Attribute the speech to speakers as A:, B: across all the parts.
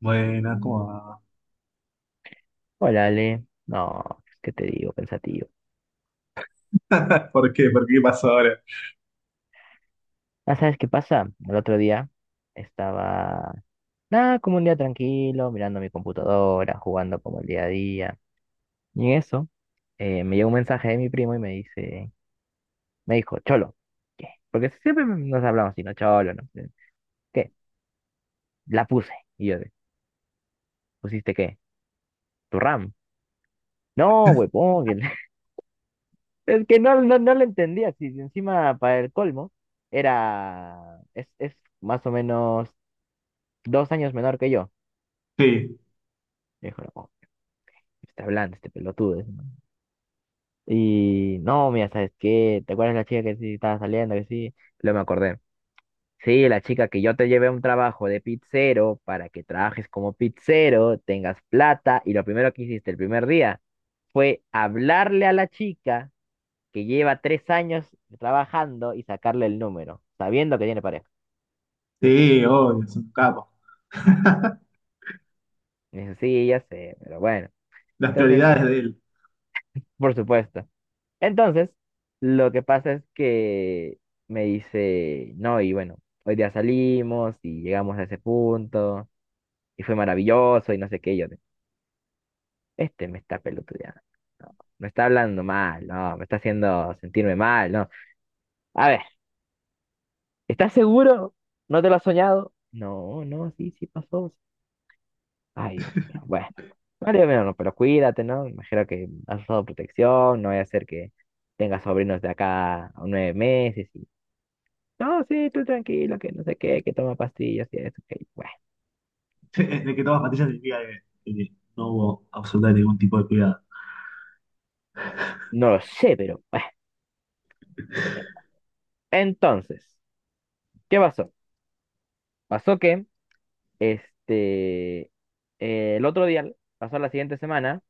A: Buena, ¿cómo va?
B: Hola, Ale. No, pues, ¿qué te digo? Pensativo.
A: ¿Por qué? ¿Por qué pasó ahora?
B: Ah, ¿sabes qué pasa? El otro día estaba, nada, como un día tranquilo, mirando mi computadora, jugando como el día a día. Y en eso, me llegó un mensaje de mi primo y me dijo, Cholo, ¿qué? Porque siempre nos hablamos así, no, Cholo, no. ¿Qué? La puse. Y yo, de, ¿pusiste qué? ¿Tu RAM? No, huevón. Es que no lo entendía. Si encima, para el colmo, es más o menos 2 años menor que yo.
A: Sí,
B: Dijo, no, está hablando este pelotudo, dice, ¿no? Y no, mira, ¿sabes qué? ¿Te acuerdas la chica que sí estaba saliendo? Que sí. Luego me acordé. Sí, la chica que yo te llevé a un trabajo de pizzero para que trabajes como pizzero, tengas plata. Y lo primero que hiciste el primer día fue hablarle a la chica que lleva 3 años trabajando y sacarle el número, sabiendo que tiene pareja.
A: sí, obvio, es un capo.
B: Y dice, sí, ya sé, pero bueno.
A: Las
B: Entonces,
A: prioridades de él.
B: por supuesto. Entonces, lo que pasa es que me dice, no, y bueno, hoy día salimos y llegamos a ese punto y fue maravilloso y no sé qué. Y yo, de, este me está pelotudeando, no, me está hablando mal, no, me está haciendo sentirme mal, no. A ver, ¿estás seguro? ¿No te lo has soñado? No, no, sí, sí pasó. Ay, Dios mío, bueno. Vale, bueno, pero cuídate, ¿no? Imagino que has usado protección, no vaya a ser que tengas sobrinos de acá a 9 meses. No, sí, tú tranquilo, que no sé qué, que toma pastillas y eso, que bueno,
A: De que tomas pastillas significa que no hubo absolutamente ningún tipo de cuidado.
B: no lo sé, pero bueno. Entonces, ¿qué pasó? Pasó que, este, el otro día, pasó la siguiente semana,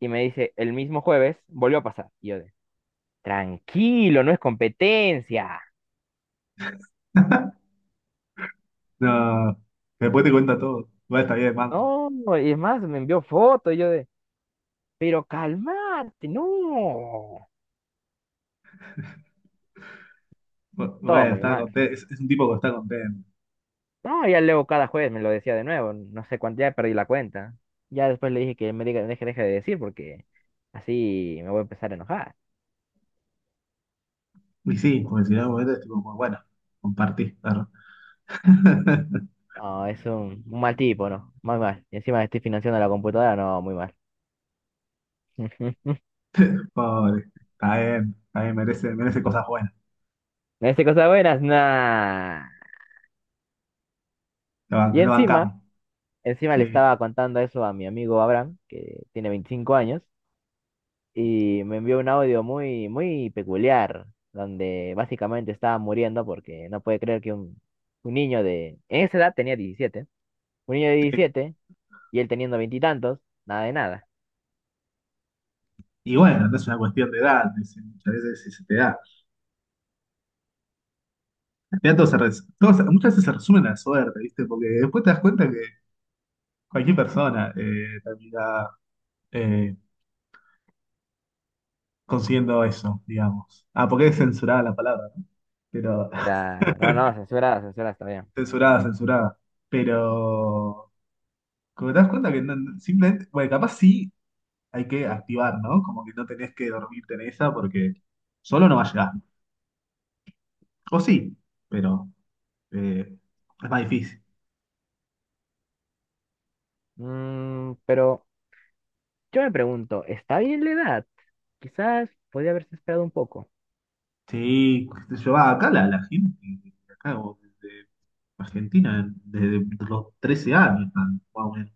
B: y me dice, el mismo jueves, volvió a pasar. Y yo de, tranquilo, no es competencia.
A: No, después te cuenta todo. Bueno, está bien, manco.
B: No, y es más, me envió fotos, y yo de, pero calmate, no. Todo
A: Bueno,
B: muy
A: está
B: mal.
A: contento. Es un tipo que está contento.
B: No, ya luego cada jueves me lo decía de nuevo, no sé cuánto, ya perdí la cuenta. Ya después le dije que me diga, deje de decir porque así me voy a empezar a enojar.
A: Y sí, porque si no, en algún momento es tipo, como, bueno, compartí, perro.
B: No, es un mal tipo, ¿no? Muy mal. Y encima estoy financiando la computadora, no, muy mal.
A: Pobre, está bien, merece, merece cosas buenas.
B: Me dice cosas buenas, nah.
A: Lo,
B: Y
A: lo
B: encima,
A: bancamos.
B: encima le
A: Sí.
B: estaba contando eso a mi amigo Abraham, que tiene 25 años, y me envió un audio muy, muy peculiar, donde básicamente estaba muriendo porque no puede creer que un niño de... En esa edad tenía 17, un niño de
A: Sí.
B: 17, y él teniendo veintitantos, nada de nada.
A: Y bueno, no es una cuestión de edad, muchas veces se te da. Ya todo todo muchas veces se resume en la suerte, ¿viste? Porque después te das cuenta que cualquier persona termina eh, consiguiendo eso, digamos. Ah, porque es censurada la palabra, ¿no? Pero,
B: O sea, no, no, censurada, censurada está bien.
A: censurada, censurada. Pero, como te das cuenta que no, simplemente, bueno, capaz sí hay que activar, ¿no? Como que no tenés que dormirte en esa porque solo no va a llegar. O sí, pero eh, es más difícil.
B: Pero yo me pregunto, ¿está bien la edad? Quizás podría haberse esperado un poco.
A: Sí, qué sé yo, ah, acá la, la gente, acá o desde Argentina, desde los 13 años están, más o menos.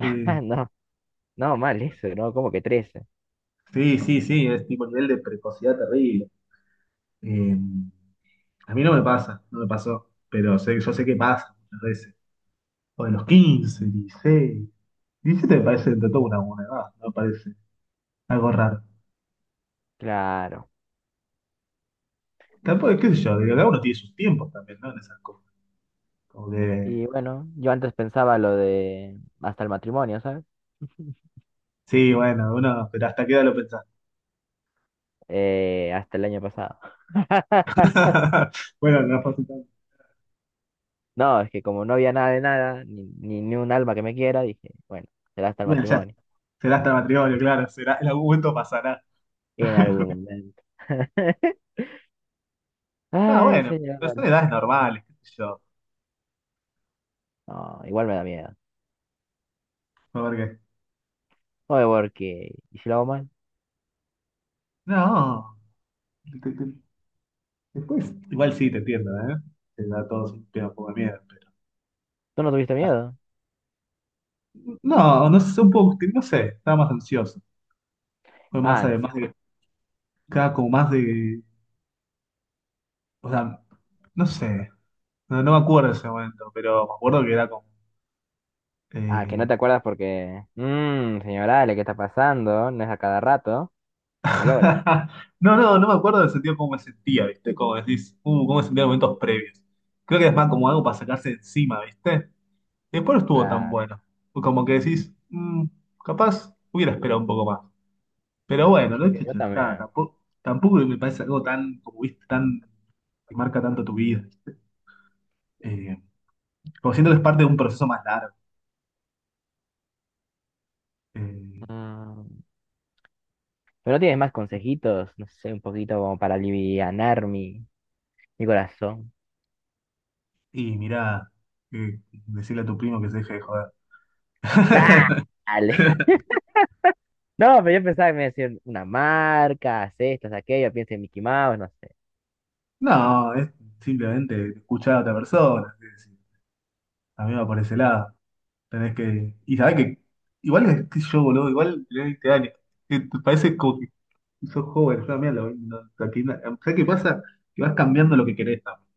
B: Ah, no, no, mal eso, ¿no? Como que 13.
A: sí, sí, sí, es tipo nivel de precocidad terrible. Eh, a mí no me pasa, no me pasó, pero sé, yo sé que pasa muchas veces. O de los 15 16 17 me parece entre todo una buena edad, no me parece algo raro.
B: Claro.
A: Tampoco, qué sé yo, digo, cada uno tiene sus tiempos también, ¿no? En esas cosas. Como que,
B: Y bueno, yo antes pensaba lo de hasta el matrimonio, ¿sabes?
A: sí, bueno, uno, pero hasta qué edad lo pensás.
B: Hasta el año pasado.
A: Bueno, no fue así tanto.
B: No, es que como no había nada de nada, ni un alma que me quiera, dije, bueno, será hasta el
A: Bueno, ya está.
B: matrimonio.
A: Será hasta el matrimonio, claro, será, en algún momento pasará.
B: Y en algún momento.
A: Está
B: Ay,
A: bueno,
B: señor.
A: pero son edades normales, qué sé yo.
B: No, igual me da miedo.
A: A ver qué.
B: Oye, porque, ¿y si lo hago mal?
A: No, te- te- después, igual sí, te entiendo, ¿eh? Te da todo un tema un poco de miedo, pero.
B: ¿Tú no tuviste miedo?
A: No, no sé, un poco, no sé, estaba más ansioso. Fue más,
B: Ah, en sí.
A: además de, cada como más de, o sea, no sé, no, no me acuerdo de ese momento, pero me acuerdo que era como,
B: Ah, que no
A: eh,
B: te acuerdas porque... Señor Ale, ¿qué está pasando? No es a cada rato. Se malora.
A: No, no, no me acuerdo del sentido cómo me sentía, ¿viste? Como decís, cómo me sentía en momentos previos. Creo que es más como algo para sacarse de encima, ¿viste? Después no estuvo tan
B: Claro.
A: bueno. Como que decís, "Mm, capaz hubiera esperado un poco más. Pero bueno, no he
B: Sí, yo
A: hecho está,
B: también.
A: tampoco, tampoco me parece algo tan, como viste, tan, que marca tanto tu vida, ¿viste? Eh, como siento que es parte de un proceso más largo. Eh,
B: Mm. Pero no tienes más consejitos, no sé, un poquito como para alivianar mi corazón.
A: y mirá, eh, decirle a tu primo que se deje de joder.
B: Dale. No, pero yo pensaba que me iba a decir una marca, haz esto, haz aquello, pienso en Mickey Mouse, no sé.
A: No, es simplemente escuchar a otra persona. Es decir, a mí me va por ese lado. Tenés que. Y sabés que. Igual es que yo, boludo. Igual tenés 20 años. Que te parece como que sos joven. Yo mira mí a los 20 aquí ¿Sabés qué pasa? Que vas cambiando lo que querés también.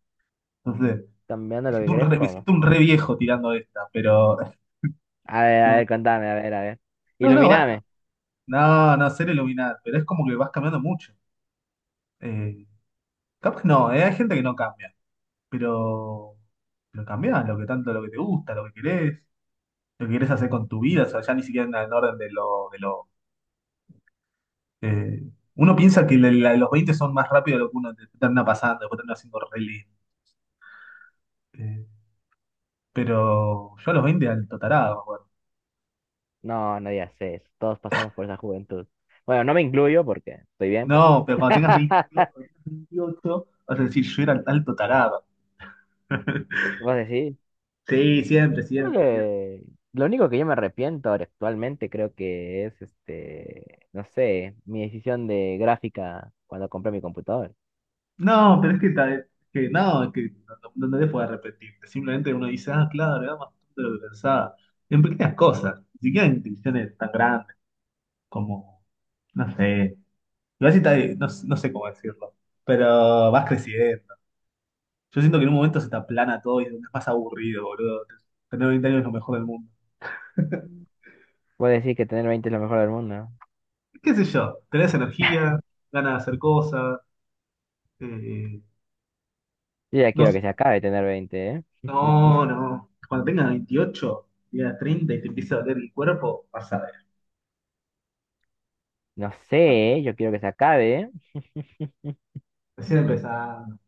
A: Entonces,
B: ¿Cambiando lo que crees?
A: me
B: ¿Cómo?
A: siento un re viejo tirando esta. Pero.
B: A ver, contame, a ver, a ver.
A: No, no,
B: Ilumíname.
A: no, no, ser iluminado. Pero es como que vas cambiando mucho. Eh, capaz no, hay gente que no cambia. Pero. Pero cambiás lo que tanto, lo que te gusta, lo que querés. Lo que querés hacer con tu vida, o sea, ya ni siquiera en orden de lo... De lo eh, uno piensa que los 20 son más rápidos de lo que uno termina pasando, después termina siendo re lento. Eh, pero yo a los 20 alto tarado, me acuerdo.
B: No, no digas eso. Todos pasamos por esa juventud. Bueno, no me incluyo porque estoy bien, pero
A: No, pero cuando tengas 28, vas a decir, yo era alto tarado.
B: vos decís.
A: Sí, siempre,
B: Creo
A: siempre, siempre.
B: que lo único que yo me arrepiento ahora actualmente creo que es, no sé, mi decisión de gráfica cuando compré mi computador.
A: No, pero es que, que no, es que no, no te puedes arrepentirte. Simplemente uno dice, ah, claro, era más tonto de lo que pensaba. En pequeñas cosas, ni siquiera en decisiones tan grandes como, no sé. Igual si no, no sé cómo decirlo, pero vas creciendo. Yo siento que en un momento se te aplana todo y es más aburrido, boludo. Tener 20 años es lo mejor del mundo.
B: Vos decís que tener 20 es lo mejor del mundo, ¿no?
A: ¿Qué sé yo? Tenés energía, ganas de hacer cosas. eh,
B: Yo ya
A: no,
B: quiero
A: sé.
B: que se acabe tener 20, ¿eh?
A: No, no. Cuando tengas 28, tengas 30 y te empieza a doler el cuerpo, vas a ver.
B: No sé, yo quiero que se acabe.
A: Recién empezando.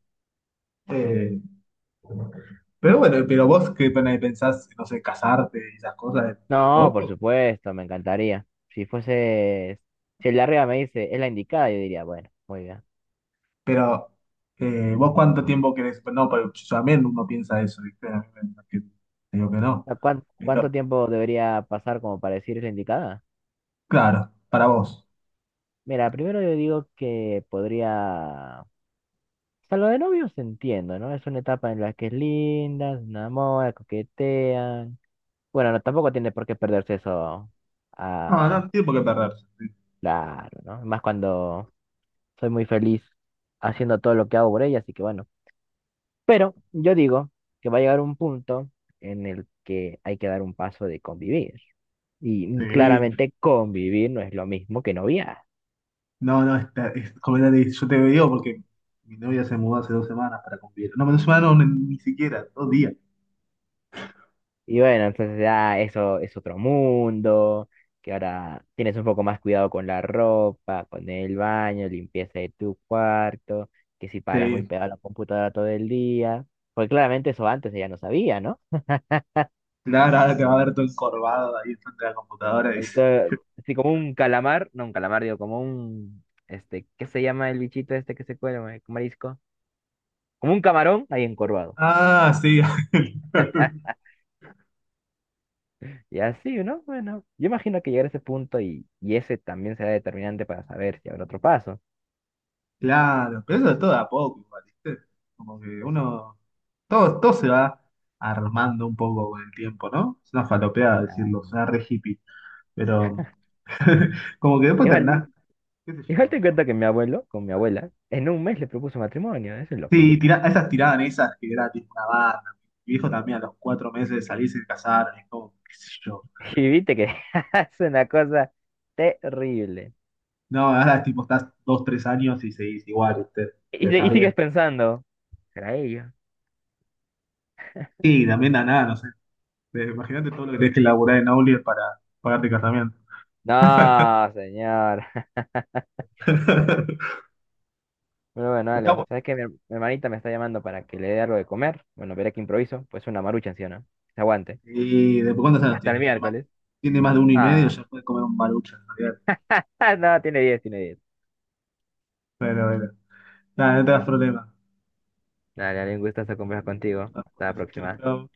A: Eh, pero bueno, pero vos qué pena pensás, no sé, casarte y esas cosas dentro de
B: No, por
A: poco.
B: supuesto, me encantaría. Si fuese, si el de arriba me dice, es la indicada, yo diría, bueno, muy bien.
A: Pero, ¿vos cuánto tiempo querés? Pues no, pero yo también uno piensa eso, ¿viste? A mí te digo que no.
B: ¿Cuánto
A: Pero,
B: tiempo debería pasar como para decir es la indicada?
A: claro, para vos.
B: Mira, primero yo digo que podría... O sea, lo de novios entiendo, ¿no? Es una etapa en la que es linda, se enamora, coquetean. Bueno, no, tampoco tiene por qué perderse eso.
A: No, no
B: Ah,
A: no tiene por qué perderse.
B: claro, ¿no? Más cuando soy muy feliz haciendo todo lo que hago por ella, así que bueno. Pero yo digo que va a llegar un punto en el que hay que dar un paso de convivir. Y
A: Sí.
B: claramente convivir no es lo mismo que noviar.
A: No, no, está, es completamente- Yo te digo porque mi novia se mudó hace 2 semanas para convivir. No, 2 semanas no, ni, ni siquiera, 2 días.
B: Y bueno, entonces ya eso es otro mundo, que ahora tienes un poco más cuidado con la ropa, con el baño, limpieza de tu cuarto, que si paras muy
A: Sí.
B: pegado a la computadora todo el día. Pues claramente eso antes ella no sabía, ¿no?
A: Claro, ahora te va a ver todo encorvado ahí frente a la computadora y
B: Ahí
A: dice,
B: está, así como un calamar, no un calamar, digo, como un, ¿qué se llama el bichito este que se cuela, marisco? Como un camarón ahí encorvado.
A: ah, sí.
B: Y así, ¿no? Bueno, yo imagino que llegar a ese punto y, ese también será determinante para saber si habrá otro paso.
A: Claro, pero eso es todo de a poco, igual, ¿viste? Como que uno. Todo, todo se va armando un poco con el tiempo, ¿no? Es una falopeada decirlo,
B: Ah,
A: suena re hippie, pero como que después
B: Igual,
A: terminás, qué sé
B: igual
A: yo.
B: te cuento que mi abuelo, con mi abuela, en un mes le propuso matrimonio, eso es
A: Sí,
B: loquito.
A: tira, esas tiraban esas que era tipo una banda. Mi viejo también a los 4 meses de salir se casaron, es como, qué sé yo.
B: Y viste que es una cosa terrible.
A: No, ahora tipo estás 2, 3 años y seguís igual, ¿viste? Te
B: Y
A: estás
B: sigues
A: bien.
B: pensando, ¿será ella?
A: Sí, también da nada, no sé. Imagínate todo lo que tenés que laburar en Aulier para pagarte casamiento.
B: No, señor. Bueno, bueno, dale.
A: Está,
B: ¿Sabes qué? Mi hermanita me está llamando para que le dé algo de comer. Bueno, veré que improviso. Pues una marucha, ¿sí o no? Se aguante.
A: y después, ¿cuántos años
B: Hasta el
A: tiene?
B: miércoles.
A: Tiene más de uno y medio,
B: Ah,
A: ya puede comer un barucho en realidad.
B: ah, no, tiene diez.
A: Pero bueno, nada, no te das problema.
B: Dale, dale, un gustazo conversar contigo.
A: Chao,
B: Hasta la próxima.
A: chao.